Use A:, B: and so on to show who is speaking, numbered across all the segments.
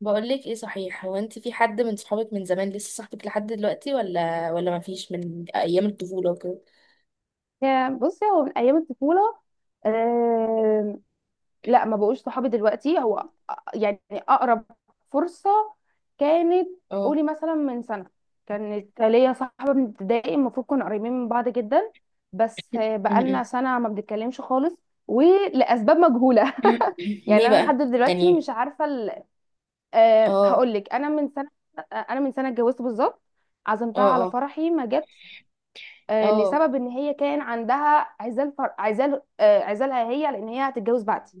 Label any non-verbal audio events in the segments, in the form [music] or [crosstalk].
A: بقولك ايه صحيح، هو انت في حد من صحابك من زمان لسه صاحبك لحد دلوقتي ولا ما فيش من ايام الطفولة وكده.
B: يا بصي، هو من ايام الطفوله. آم، لا، ما بقوش صحابي دلوقتي. هو يعني اقرب فرصه كانت.
A: اه.
B: قولي مثلا من سنه، كانت ليا صاحبه من ابتدائي، المفروض كنا قريبين من بعض جدا. بس
A: م-
B: بقالنا
A: م.
B: سنه ما بنتكلمش خالص، ولاسباب مجهوله. [laughs]
A: [clears throat] ليه
B: يعني انا لحد
A: بقى
B: دلوقتي
A: يعني.
B: مش عارفه
A: اه
B: هقول لك، انا من سنه اتجوزت بالظبط. عزمتها
A: اه
B: على
A: اه
B: فرحي ما جت.
A: اه
B: لسبب ان هي كان عندها عزال عزال، عزالها هي، لان هي هتتجوز بعدي.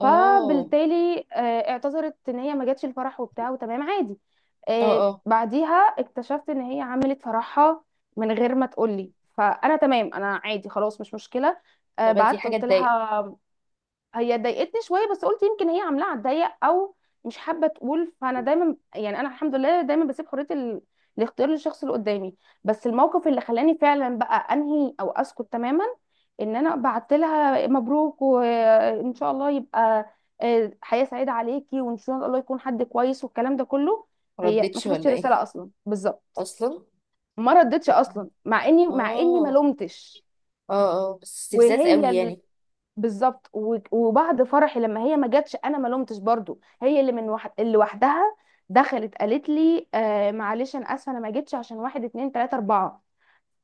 A: اه
B: فبالتالي اعتذرت ان هي ما جاتش الفرح وبتاع، وتمام عادي.
A: اه اه.
B: بعديها اكتشفت ان هي عملت فرحها من غير ما تقولي، فانا تمام، انا عادي خلاص، مش مشكله.
A: لا بس دي
B: بعت
A: حاجة
B: قلت
A: تضايق.
B: لها. هي ضايقتني شويه، بس قلت يمكن هي عاملاها على الضيق، او مش حابه تقول. فانا دايما، يعني انا الحمد لله دايما بسيب حريه الاختيار للشخص اللي قدامي. بس الموقف اللي خلاني فعلا بقى انهي او اسكت تماما، ان انا بعت لها مبروك وان شاء الله يبقى حياه سعيده عليكي، وان شاء الله يكون حد كويس والكلام ده كله. هي ما
A: مردتش
B: شافتش
A: ولا ايه
B: الرساله اصلا بالظبط،
A: اصلا؟
B: ما ردتش
A: ط-
B: اصلا، مع اني ما
A: اه
B: لومتش.
A: اه اه. بس استفزاز
B: وهي
A: قوي يعني.
B: بالظبط، وبعد فرحي لما هي ما جاتش، انا ما لومتش برضو. هي اللي وحدها دخلت قالت لي آه معلش، انا اسفه انا ما جيتش عشان واحد اتنين تلاته اربعه.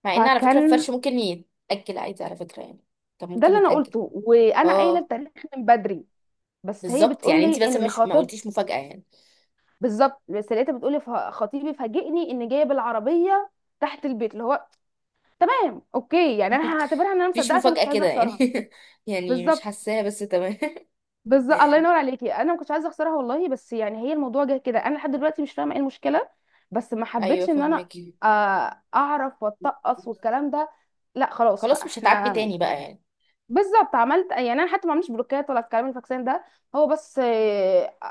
A: مع ان على فكرة
B: فكان
A: الفرش ممكن يتأجل عادي، على فكرة يعني. طب
B: ده
A: ممكن
B: اللي انا
A: يتأجل.
B: قلته، وانا قايله
A: اه.
B: التاريخ من بدري. بس هي
A: بالظبط،
B: بتقول
A: يعني انت
B: لي
A: بس
B: ان
A: مش ما
B: خطيب،
A: قلتيش مفاجأة يعني.
B: بالظبط، بس لقيتها بتقول لي خطيبي فاجئني ان جايه بالعربيه تحت البيت، اللي هو تمام اوكي. يعني
A: [laughs]
B: انا هعتبرها ان انا
A: مفيش
B: مصدقه، عشان ما كنتش
A: مفاجأة
B: عايزه
A: كده يعني
B: اخسرها.
A: [laughs] يعني مش
B: بالظبط.
A: حاساها، بس تمام.
B: بالظبط، الله ينور
A: [laughs]
B: عليكي، انا ما كنتش عايزه اخسرها والله. بس يعني هي الموضوع جه كده، انا لحد دلوقتي مش فاهمه ايه المشكله. بس ما
A: ايوه،
B: حبيتش ان انا
A: فهمك.
B: اعرف واتقص والكلام ده. لا خلاص بقى،
A: خلاص مش هتعاتبي
B: احنا
A: تاني بقى يعني.
B: بالظبط. عملت، يعني انا حتى ما عملتش بلوكات ولا الكلام الفاكسان ده، هو بس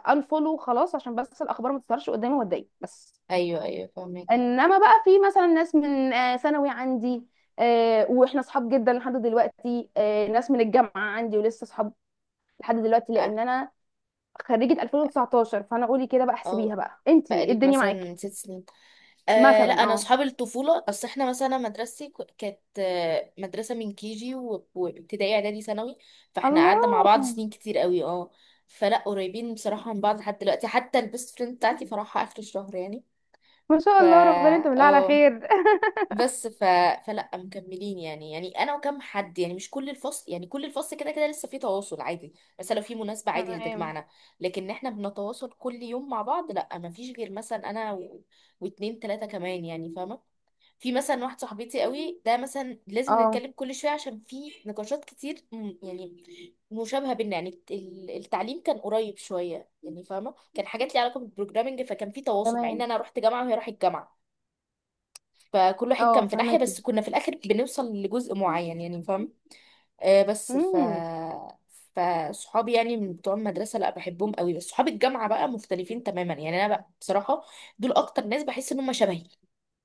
B: انفولو خلاص، عشان بس الاخبار ما تظهرش قدامي واتضايق بس.
A: ايوه ايوه فاهمك.
B: انما بقى في مثلا ناس من ثانوي عندي، واحنا اصحاب جدا لحد دلوقتي. ناس من الجامعه عندي ولسه اصحاب لحد دلوقتي،
A: اه
B: لان انا خريجة 2019. فانا قولي كده بقى، احسبيها
A: آه،
B: بقى انتي إيه
A: بقالك
B: الدنيا معاكي.
A: مثلا ست سنين.
B: مثلا
A: لا انا
B: اه.
A: اصحاب الطفوله، اصل احنا مثلا مدرستي كانت مدرسه من كي جي وابتدائي اعدادي ثانوي. فاحنا قعدنا مع
B: الله،
A: بعض سنين كتير قوي، اه. فلا قريبين بصراحه من بعض لحد دلوقتي، حتى البيست فريند بتاعتي فرحها اخر الشهر يعني.
B: ما شاء
A: ف
B: الله، ربنا انت بالله على
A: اه
B: خير.
A: بس ف... فلا مكملين يعني، يعني انا وكم حد يعني، مش كل الفصل يعني. كل الفصل كده كده لسه في تواصل عادي، مثلا لو في مناسبة
B: [laughs]
A: عادي
B: تمام.
A: هتجمعنا. لكن احنا بنتواصل كل يوم مع بعض، لا ما فيش. غير مثلا انا واتنين تلاتة كمان يعني، فاهمة. في مثلا واحد صاحبتي قوي ده مثلا لازم
B: اه
A: نتكلم كل شوية، عشان في نقاشات كتير يعني مشابهة بينا يعني. التعليم كان قريب شوية يعني، فاهمة. كان حاجات ليها علاقة بالبروجرامنج، فكان في تواصل مع ان
B: تمام،
A: انا رحت جامعة وهي راحت جامعة. فكل واحد
B: اه
A: كان في ناحية،
B: فهماكي.
A: بس كنا في الآخر بنوصل لجزء معين يعني، فاهم. آه بس ف
B: امم.
A: فصحابي يعني من بتوع المدرسة لا بحبهم قوي، بس صحاب الجامعة بقى مختلفين تماما يعني. أنا بقى بصراحة دول أكتر ناس بحس إن هم شبهي،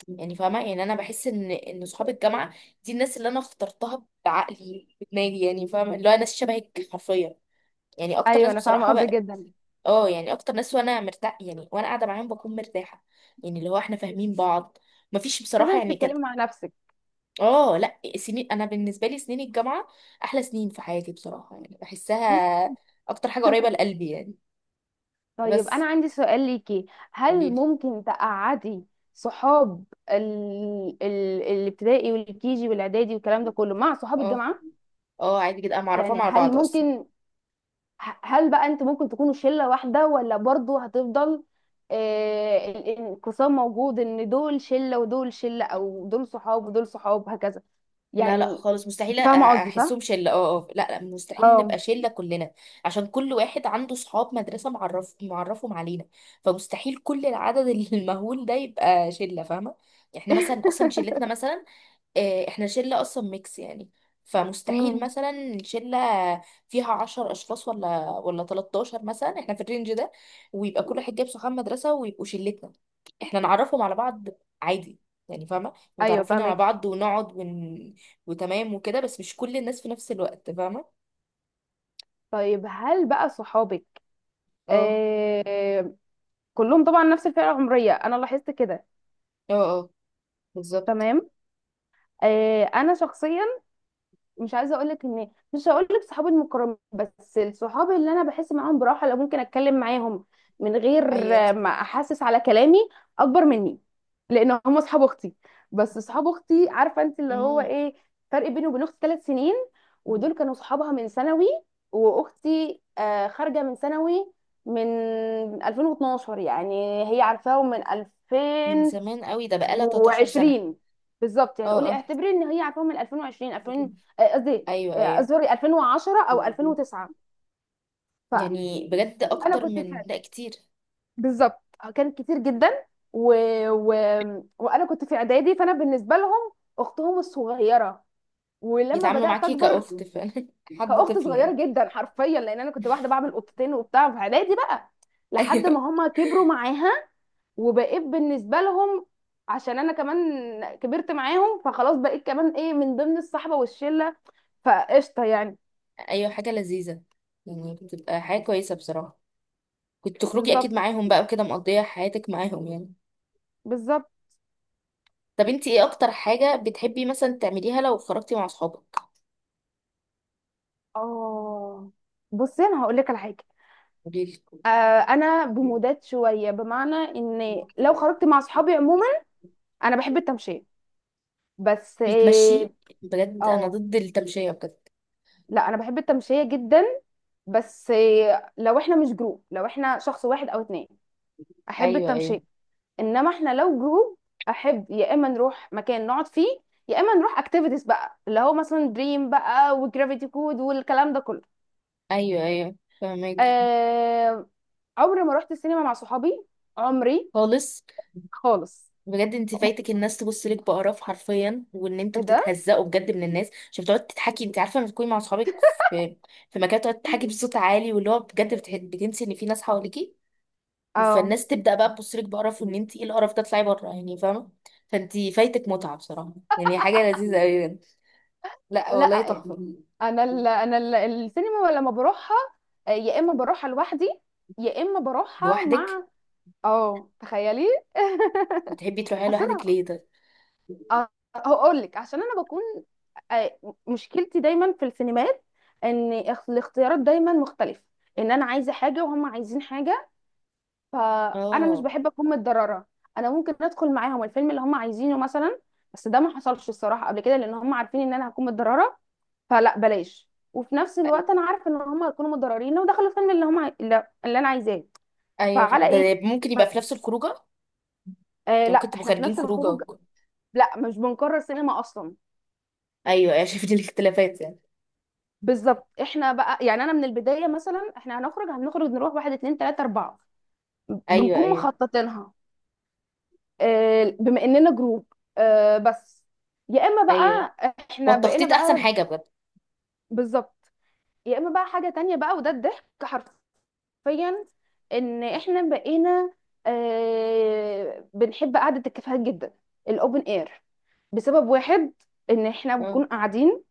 A: يعني فاهمة. يعني أنا بحس إن صحاب الجامعة دي الناس اللي أنا اخترتها بعقلي بدماغي يعني، فاهمة. اللي هو ناس شبهك حرفيا، يعني أكتر
B: ايوه
A: ناس
B: انا فاهمه
A: بصراحة
B: قصدك
A: بقى.
B: جدا.
A: اه يعني أكتر ناس، وأنا مرتاح يعني. وأنا قاعدة معاهم بكون مرتاحة، يعني اللي هو إحنا فاهمين بعض. مفيش
B: حاسه
A: بصراحة
B: انك
A: يعني كانت.
B: بتتكلمي مع نفسك.
A: اه لا سنين. انا بالنسبه لي سنين الجامعه احلى سنين في حياتي بصراحه يعني،
B: مم.
A: بحسها اكتر حاجه قريبه لقلبي يعني.
B: طيب انا
A: بس
B: عندي سؤال ليكي. هل
A: قولي لي.
B: ممكن تقعدي صحاب الابتدائي والكيجي والاعدادي والكلام ده كله مع صحاب
A: اه
B: الجامعه؟
A: اه عادي جدا، انا
B: يعني
A: معرفاهم على
B: هل
A: بعض اصلا.
B: ممكن هل بقى انتوا ممكن تكونوا شلة واحدة، ولا برضو هتفضل الانقسام موجود، ان دول شلة ودول شلة، او دول صحاب ودول صحاب، هكذا؟
A: لا لا
B: يعني،
A: خالص مستحيل،
B: انت فاهمة قصدي صح؟
A: احسهم شله. اه اه لا لا مستحيل
B: اه.
A: نبقى شله كلنا، عشان كل واحد عنده صحاب مدرسه معرف معرفهم علينا. فمستحيل كل العدد [laughs] المهول ده يبقى شله، فاهمه. يعني احنا مثلا اصلا
B: [laughs]
A: شلتنا مثلا احنا شلة اصلا ميكس يعني. فمستحيل
B: امم.
A: مثلا شلة فيها عشر اشخاص ولا 13 مثلا، احنا في الرينج ده. ويبقى كل واحد جايب صحاب مدرسة ويبقوا شلتنا، احنا نعرفهم على بعض عادي يعني، فاهمة.
B: ايوه
A: متعرفين على
B: فاهمك.
A: بعض ونقعد وتمام وكده، بس مش كل الناس في نفس الوقت، فاهمة.
B: طيب هل بقى صحابك
A: اه
B: آه كلهم طبعا نفس الفئه العمريه، انا لاحظت كده.
A: اه اه بالظبط.
B: تمام. آه، انا شخصيا مش عايزه اقول لك ان مش هقول لك صحابي المقربين، بس الصحاب اللي انا بحس معاهم براحه، لو ممكن اتكلم معاهم من غير
A: ايوه.
B: ما احسس على كلامي، اكبر مني، لان هم اصحاب اختي. بس اصحاب اختي، عارفه انت اللي هو
A: مم.
B: ايه. فرق بيني وبين اختي 3 سنين، ودول كانوا صحابها من ثانوي. واختي خارجه من ثانوي من 2012. يعني هي عارفاهم من
A: من
B: 2000
A: زمان قوي ده، بقالها 13 سنة.
B: و20. بالظبط، يعني
A: اه
B: قولي
A: اه
B: اعتبري ان هي عارفه من 2020، 2000، قصدي
A: ايوه ايوه.
B: اعذري 2010 او 2009.
A: يعني بجد
B: فانا
A: اكتر
B: كنت
A: من،
B: في،
A: لا كتير.
B: بالظبط، كان كتير جدا. و... و... وانا كنت في اعدادي، فانا بالنسبه لهم اختهم الصغيره. ولما
A: بيتعاملوا
B: بدات
A: معاكي
B: اكبر
A: كأخت فعلا [laughs] حد
B: كاخت
A: طفل
B: صغيره
A: يعني.
B: جدا حرفيا، لان انا كنت واحده بعمل قطتين وبتاع في اعدادي بقى،
A: ايوه
B: لحد ما هما كبروا معاها، وبقيت بالنسبه لهم، عشان انا كمان كبرت معاهم، فخلاص بقيت كمان ايه من ضمن الصحبه والشله، فقشطه يعني.
A: ايوه حاجة لذيذة، يعني بتبقى حاجة كويسة بصراحة. كنت تخرجي اكيد
B: بالظبط.
A: معاهم بقى وكده، مقضية حياتك معاهم يعني.
B: بالظبط.
A: طب انتي ايه اكتر حاجة بتحبي مثلا تعمليها لو خرجتي مع اصحابك؟
B: اه بصي انا هقول لك على حاجه.
A: قوليلي.
B: آه، انا بمودات شويه، بمعنى ان لو خرجت مع صحابي عموما، انا بحب التمشيه. بس اه
A: بيتمشي. بجد انا
B: آه،
A: ضد التمشية بجد.
B: لا انا بحب التمشيه جدا، بس لو احنا مش جروب، لو احنا شخص واحد او اتنين، احب
A: ايوه ايوه
B: التمشيه. انما احنا لو جروب، احب يا اما نروح مكان نقعد فيه، يا اما نروح اكتيفيتيز بقى، اللي هو مثلا دريم بقى وجرافيتي كود والكلام ده كله.
A: ايوه ايوه فهماكي.
B: آه... عمري ما رحت السينما مع صحابي. عمري
A: خالص؟
B: خالص.
A: بجد انت فايتك الناس تبص لك بقرف حرفيا، وان
B: ايه
A: انتوا
B: ده؟
A: بتتهزقوا بجد من الناس، عشان بتقعد تتحكي. انت عارفه لما تكوني مع اصحابك في في مكان تقعد تحكي بصوت عالي، واللي هو بجد بتنسي ان في ناس حواليكي.
B: اه
A: فالناس تبدا بقى تبص لك بقرف، وان انت ايه القرف ده، اطلعي بره يعني فاهمه. فانت فايتك متعه بصراحه يعني، حاجه لذيذه قوي يعني. لا
B: لا،
A: والله تحفه.
B: السينما لما بروحها، يا اما بروحها لوحدي، يا اما بروحها
A: لوحدك؟
B: مع، اه تخيلي.
A: بتحبي تروحي
B: [laughs]
A: لوحدك
B: حسنا
A: ليه ده؟
B: أ- هقول لك، عشان انا بكون آه، مشكلتي دايما في السينمات، ان الاختيارات دايما مختلفه، ان انا عايزه حاجه وهم عايزين حاجه، فانا مش
A: اه
B: بحب اكون متضرره. انا ممكن ادخل معاهم الفيلم اللي هم عايزينه مثلا، بس ده ما حصلش الصراحه قبل كده، لان هم عارفين ان انا هكون متضرره، فلا بلاش. وفي نفس الوقت انا عارفه ان هم هيكونوا متضررين لو دخلوا الفيلم اللي هم عاي- اللي اللي انا عايزاه.
A: ايوه.
B: فعلى
A: ده
B: ايه؟
A: ممكن يبقى في
B: بس
A: نفس الخروجه يعني.
B: لا
A: ممكن تبقوا
B: احنا في
A: خارجين
B: نفس
A: خروجه
B: الخروج. لا مش بنكرر سينما اصلا.
A: ايوه ايوه شفت الاختلافات يعني.
B: بالظبط. احنا بقى يعني انا من البدايه مثلا، احنا هنخرج، هنخرج نروح واحد اتنين تلاته اربعه،
A: ايوه
B: بنكون
A: ايوه
B: مخططينها. بما اننا جروب. بس يا اما
A: ايوه.
B: بقى احنا بقينا
A: والتخطيط احسن
B: بقى،
A: حاجه بجد.
B: بالظبط، يا اما بقى حاجه تانية بقى، وده الضحك حرفيا. ان احنا بقينا بنحب قعده الكافيهات جدا، الاوبن اير، بسبب واحد، ان احنا
A: اه
B: بنكون قاعدين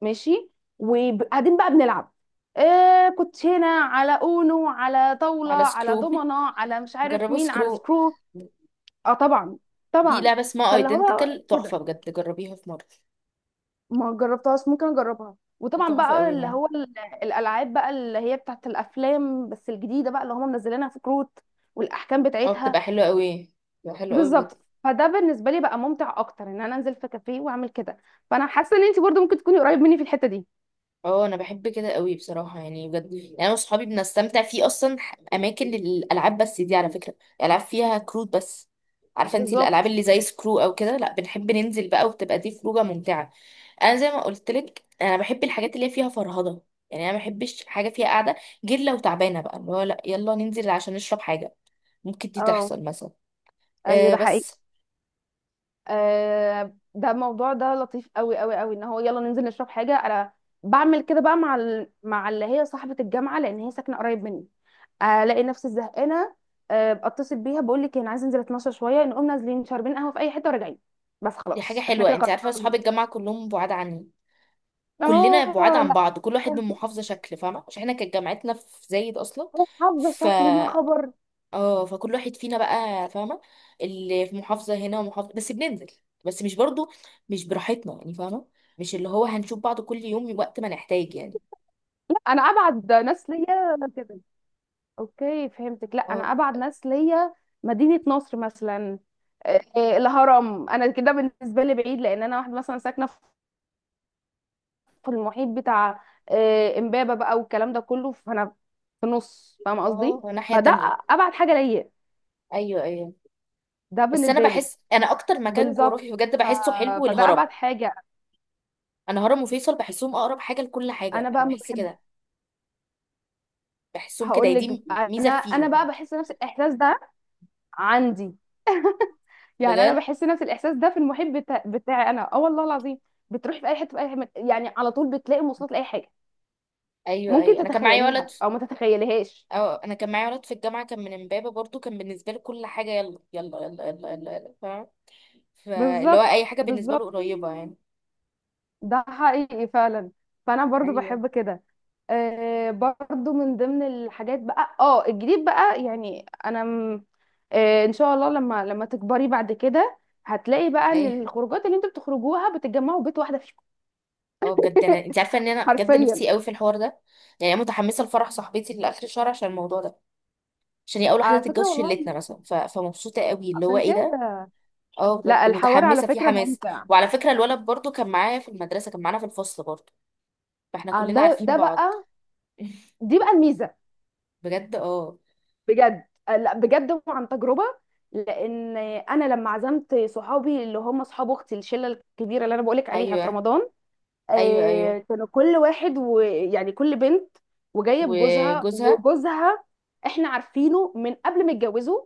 B: ماشي، وقاعدين بقى بنلعب كنت هنا على اونو، على طاولة،
A: على
B: على
A: سكرو [laughs]
B: دومنة، على مش عارف
A: جربوا
B: مين، على
A: سكرو.
B: سكرو. اه طبعا،
A: في
B: طبعا.
A: لعبه اسمها
B: فاللي هو
A: ايدنتيكال،
B: كده،
A: تحفه بجد، جربيها في مره.
B: ما جربتهاش ممكن اجربها. وطبعا
A: تحفه
B: بقى
A: قوي
B: اللي
A: من
B: هو الالعاب بقى اللي هي بتاعت الافلام، بس الجديده بقى اللي هم منزلينها في كروت والاحكام
A: اه.
B: بتاعتها.
A: بتبقى حلوه قوي، بتبقى حلوه قوي بجد.
B: بالظبط. فده بالنسبه لي بقى ممتع اكتر، ان انا انزل في كافيه واعمل كده. فانا حاسه ان انت برضو ممكن تكوني قريب مني في الحته دي.
A: اه انا بحب كده قوي بصراحه يعني، بجد يعني. انا وصحابي بنستمتع في اصلا اماكن للالعاب، بس دي على فكره العاب فيها كروت بس. عارفه انت
B: بالظبط.
A: الالعاب اللي زي سكرو او كده، لا بنحب ننزل بقى، وبتبقى دي خروجه ممتعه. انا زي ما قلت لك، انا بحب الحاجات اللي هي فيها فرهضه، يعني انا ما بحبش حاجه فيها قاعده. غير لو تعبانه بقى، اللي هو لا يلا ننزل عشان نشرب حاجه، ممكن دي
B: اه.
A: تحصل مثلا.
B: ايوه
A: أه
B: ده حقيقي.
A: بس.
B: آه، ده الموضوع ده لطيف قوي قوي قوي، ان هو يلا ننزل نشرب حاجه. انا بعمل كده بقى مع مع اللي هي صاحبه الجامعه، لان هي ساكنه قريب مني. الاقي نفسي زهقانه، آه اتصل بيها بقول لك إيه، انا عايزه انزل اتمشى شويه. نقوم نازلين شاربين قهوه في اي حته وراجعين. بس
A: دي حاجه
B: خلاص احنا
A: حلوه.
B: كده
A: انت عارفه
B: قررنا.
A: اصحاب الجامعه كلهم بعاد عني، كلنا بعاد
B: اه
A: عن
B: لا
A: بعض، كل واحد من محافظه شكل، فاهمه، عشان احنا كانت جامعتنا في زايد اصلا.
B: مش حافظه
A: ف
B: شكلي يا خبر.
A: اه فكل واحد فينا بقى فاهمه، اللي في محافظه هنا ومحافظه. بس بننزل بس مش برضو مش براحتنا يعني، فاهمه. مش اللي هو هنشوف بعض كل يوم وقت ما نحتاج يعني.
B: لا انا ابعد ناس ليا كده. اوكي فهمتك. لا انا ابعد ناس ليا مدينة نصر مثلا، الهرم. انا كده بالنسبة لي بعيد، لان انا واحدة مثلا ساكنة في المحيط بتاع امبابة بقى والكلام ده كله، فانا في نص، فاهمة
A: اه
B: قصدي.
A: ناحية
B: فده
A: تانية.
B: ابعد حاجة ليا.
A: ايوه ايوه.
B: ده
A: بس انا
B: بالنسبة لي.
A: بحس انا اكتر مكان
B: بالظبط،
A: جغرافي بجد
B: ف-
A: بحسه حلو،
B: فده
A: الهرم.
B: ابعد حاجة.
A: انا هرم وفيصل بحسهم اقرب حاجة لكل
B: انا
A: حاجة،
B: بقى
A: انا
B: ما
A: بحس
B: بحب،
A: كده، بحسهم كده
B: هقول
A: هي دي
B: لك
A: ميزة
B: انا
A: فيهم
B: بقى
A: يعني.
B: بحس نفس الاحساس ده عندي. يعني انا
A: بجد.
B: بحس نفس الاحساس ده في المحيط بتاعي انا، اه والله العظيم. بتروحي في اي حته، في اي حته، يعني على طول بتلاقي مواصلات لاي حاجه.
A: ايوه
B: ممكن
A: ايوه انا كان معايا ولد.
B: تتخيليها او ما تتخيليهاش.
A: اه انا كان معايا ولد في الجامعة كان من امبابة برضو، كان بالنسبة له كل حاجة يلا يلا يلا يلا يلا، يلا، فاهم. فاللي هو
B: بالظبط.
A: اي حاجة بالنسبة
B: بالظبط،
A: له قريبة يعني.
B: ده حقيقي فعلا. فانا برضو
A: ايوه.
B: بحب كده. آه، برضو من ضمن الحاجات بقى، اه الجديد بقى يعني انا ان شاء الله لما تكبري بعد كده، هتلاقي بقى ان
A: ايه
B: الخروجات اللي انتوا بتخرجوها بتتجمعوا بيت واحده فيكم.
A: اه بجد، انا
B: [laughs]
A: انت عارفه ان انا بجد
B: حرفيا.
A: نفسي قوي في الحوار ده. يعني انا متحمسه لفرح صاحبتي لاخر الشهر عشان الموضوع ده، عشان هي اول واحده
B: على فكره
A: تتجوز شلتنا
B: والله،
A: مثلا، فمبسوطه قوي اللي هو
B: عشان
A: ايه ده.
B: كده.
A: اه بجد
B: لا الحوار على
A: متحمسه، في
B: فكرة
A: حماس.
B: ممتع.
A: وعلى فكره الولد برضو كان معايا في المدرسه، كان معانا في الفصل برضو، فاحنا كلنا
B: ده
A: عارفين
B: ده
A: بعض.
B: بقى،
A: [laughs]
B: دي بقى الميزة.
A: بجد اه.
B: بجد لا بجد وعن تجربة. لأن أنا لما عزمت صحابي اللي هم صحاب أختي، الشلة الكبيرة اللي أنا بقولك عليها في
A: ايوه
B: رمضان،
A: ايوه ايوه
B: كانوا كل واحد ويعني كل بنت وجاية بجوزها،
A: وجوزها.
B: وجوزها إحنا عارفينه من قبل ما يتجوزوا.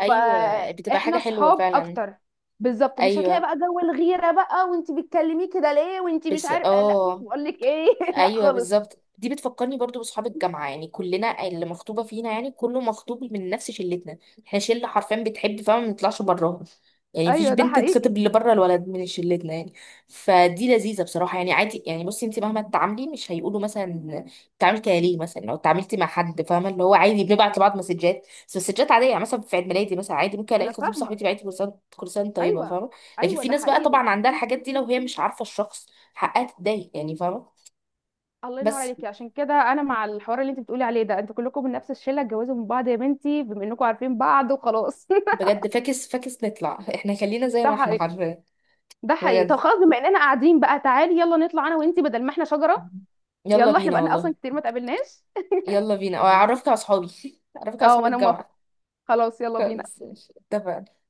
A: ايوه بتبقى حاجه
B: فإحنا
A: حلوه
B: صحاب
A: فعلا.
B: أكتر. بالظبط، مش هتلاقي
A: ايوه
B: بقى جو الغيرة بقى، وانتي بتكلميه كده ليه، وانتي مش
A: بس
B: عارف لا
A: اه.
B: بقول لك ايه. [laughs] لا
A: ايوه
B: خالص.
A: بالظبط، دي بتفكرني برضو باصحاب الجامعه، يعني كلنا اللي مخطوبه فينا يعني، كله مخطوب من نفس شلتنا. احنا شله حرفيا بتحب، فما بنطلعش براها يعني، مفيش
B: ايوه ده
A: بنت
B: حقيقي.
A: تخطب اللي بره الولد من شلتنا يعني. فدي لذيذه بصراحه يعني عادي. يعني بصي انت مهما تتعاملي مش هيقولوا مثلا بتتعاملي كده ليه، مثلا لو اتعاملتي مع حد، فاهمه، اللي هو عادي بنبعت لبعض مسجات بس مسجات عاديه يعني. مثلا في عيد ميلادي مثلا عادي ممكن الاقي
B: انا
A: خطيب
B: فاهمه.
A: صاحبتي بعت لي كل كرسان طيبه،
B: ايوه
A: فاهمه. لكن
B: ايوه
A: في
B: ده
A: ناس بقى
B: حقيقي.
A: طبعا عندها الحاجات دي، لو هي مش عارفه الشخص حقها تتضايق يعني، فاهمه.
B: الله ينور
A: بس
B: عليكي، عشان كده انا مع الحوار اللي انت بتقولي عليه ده. انتوا كلكم من نفس الشله اتجوزوا من بعض يا بنتي، بما انكم عارفين بعض وخلاص.
A: بجد فاكس فاكس، نطلع احنا خلينا
B: [laughs]
A: زي
B: ده
A: ما احنا
B: حقيقي.
A: حرفيا.
B: ده حقيقي. طب
A: بجد
B: خلاص، بما اننا قاعدين بقى، تعالي يلا نطلع انا وانتي، بدل ما احنا شجره.
A: يلا
B: يلا، احنا
A: بينا
B: بقالنا
A: والله.
B: اصلا كتير ما اتقابلناش.
A: يلا بينا واعرفك على اصحابي [laughs]
B: [laughs]
A: اعرفك على اصحاب
B: اه انا موافقه.
A: الجامعة.
B: خلاص يلا
A: خلاص
B: بينا.
A: ماشي، اتفقنا.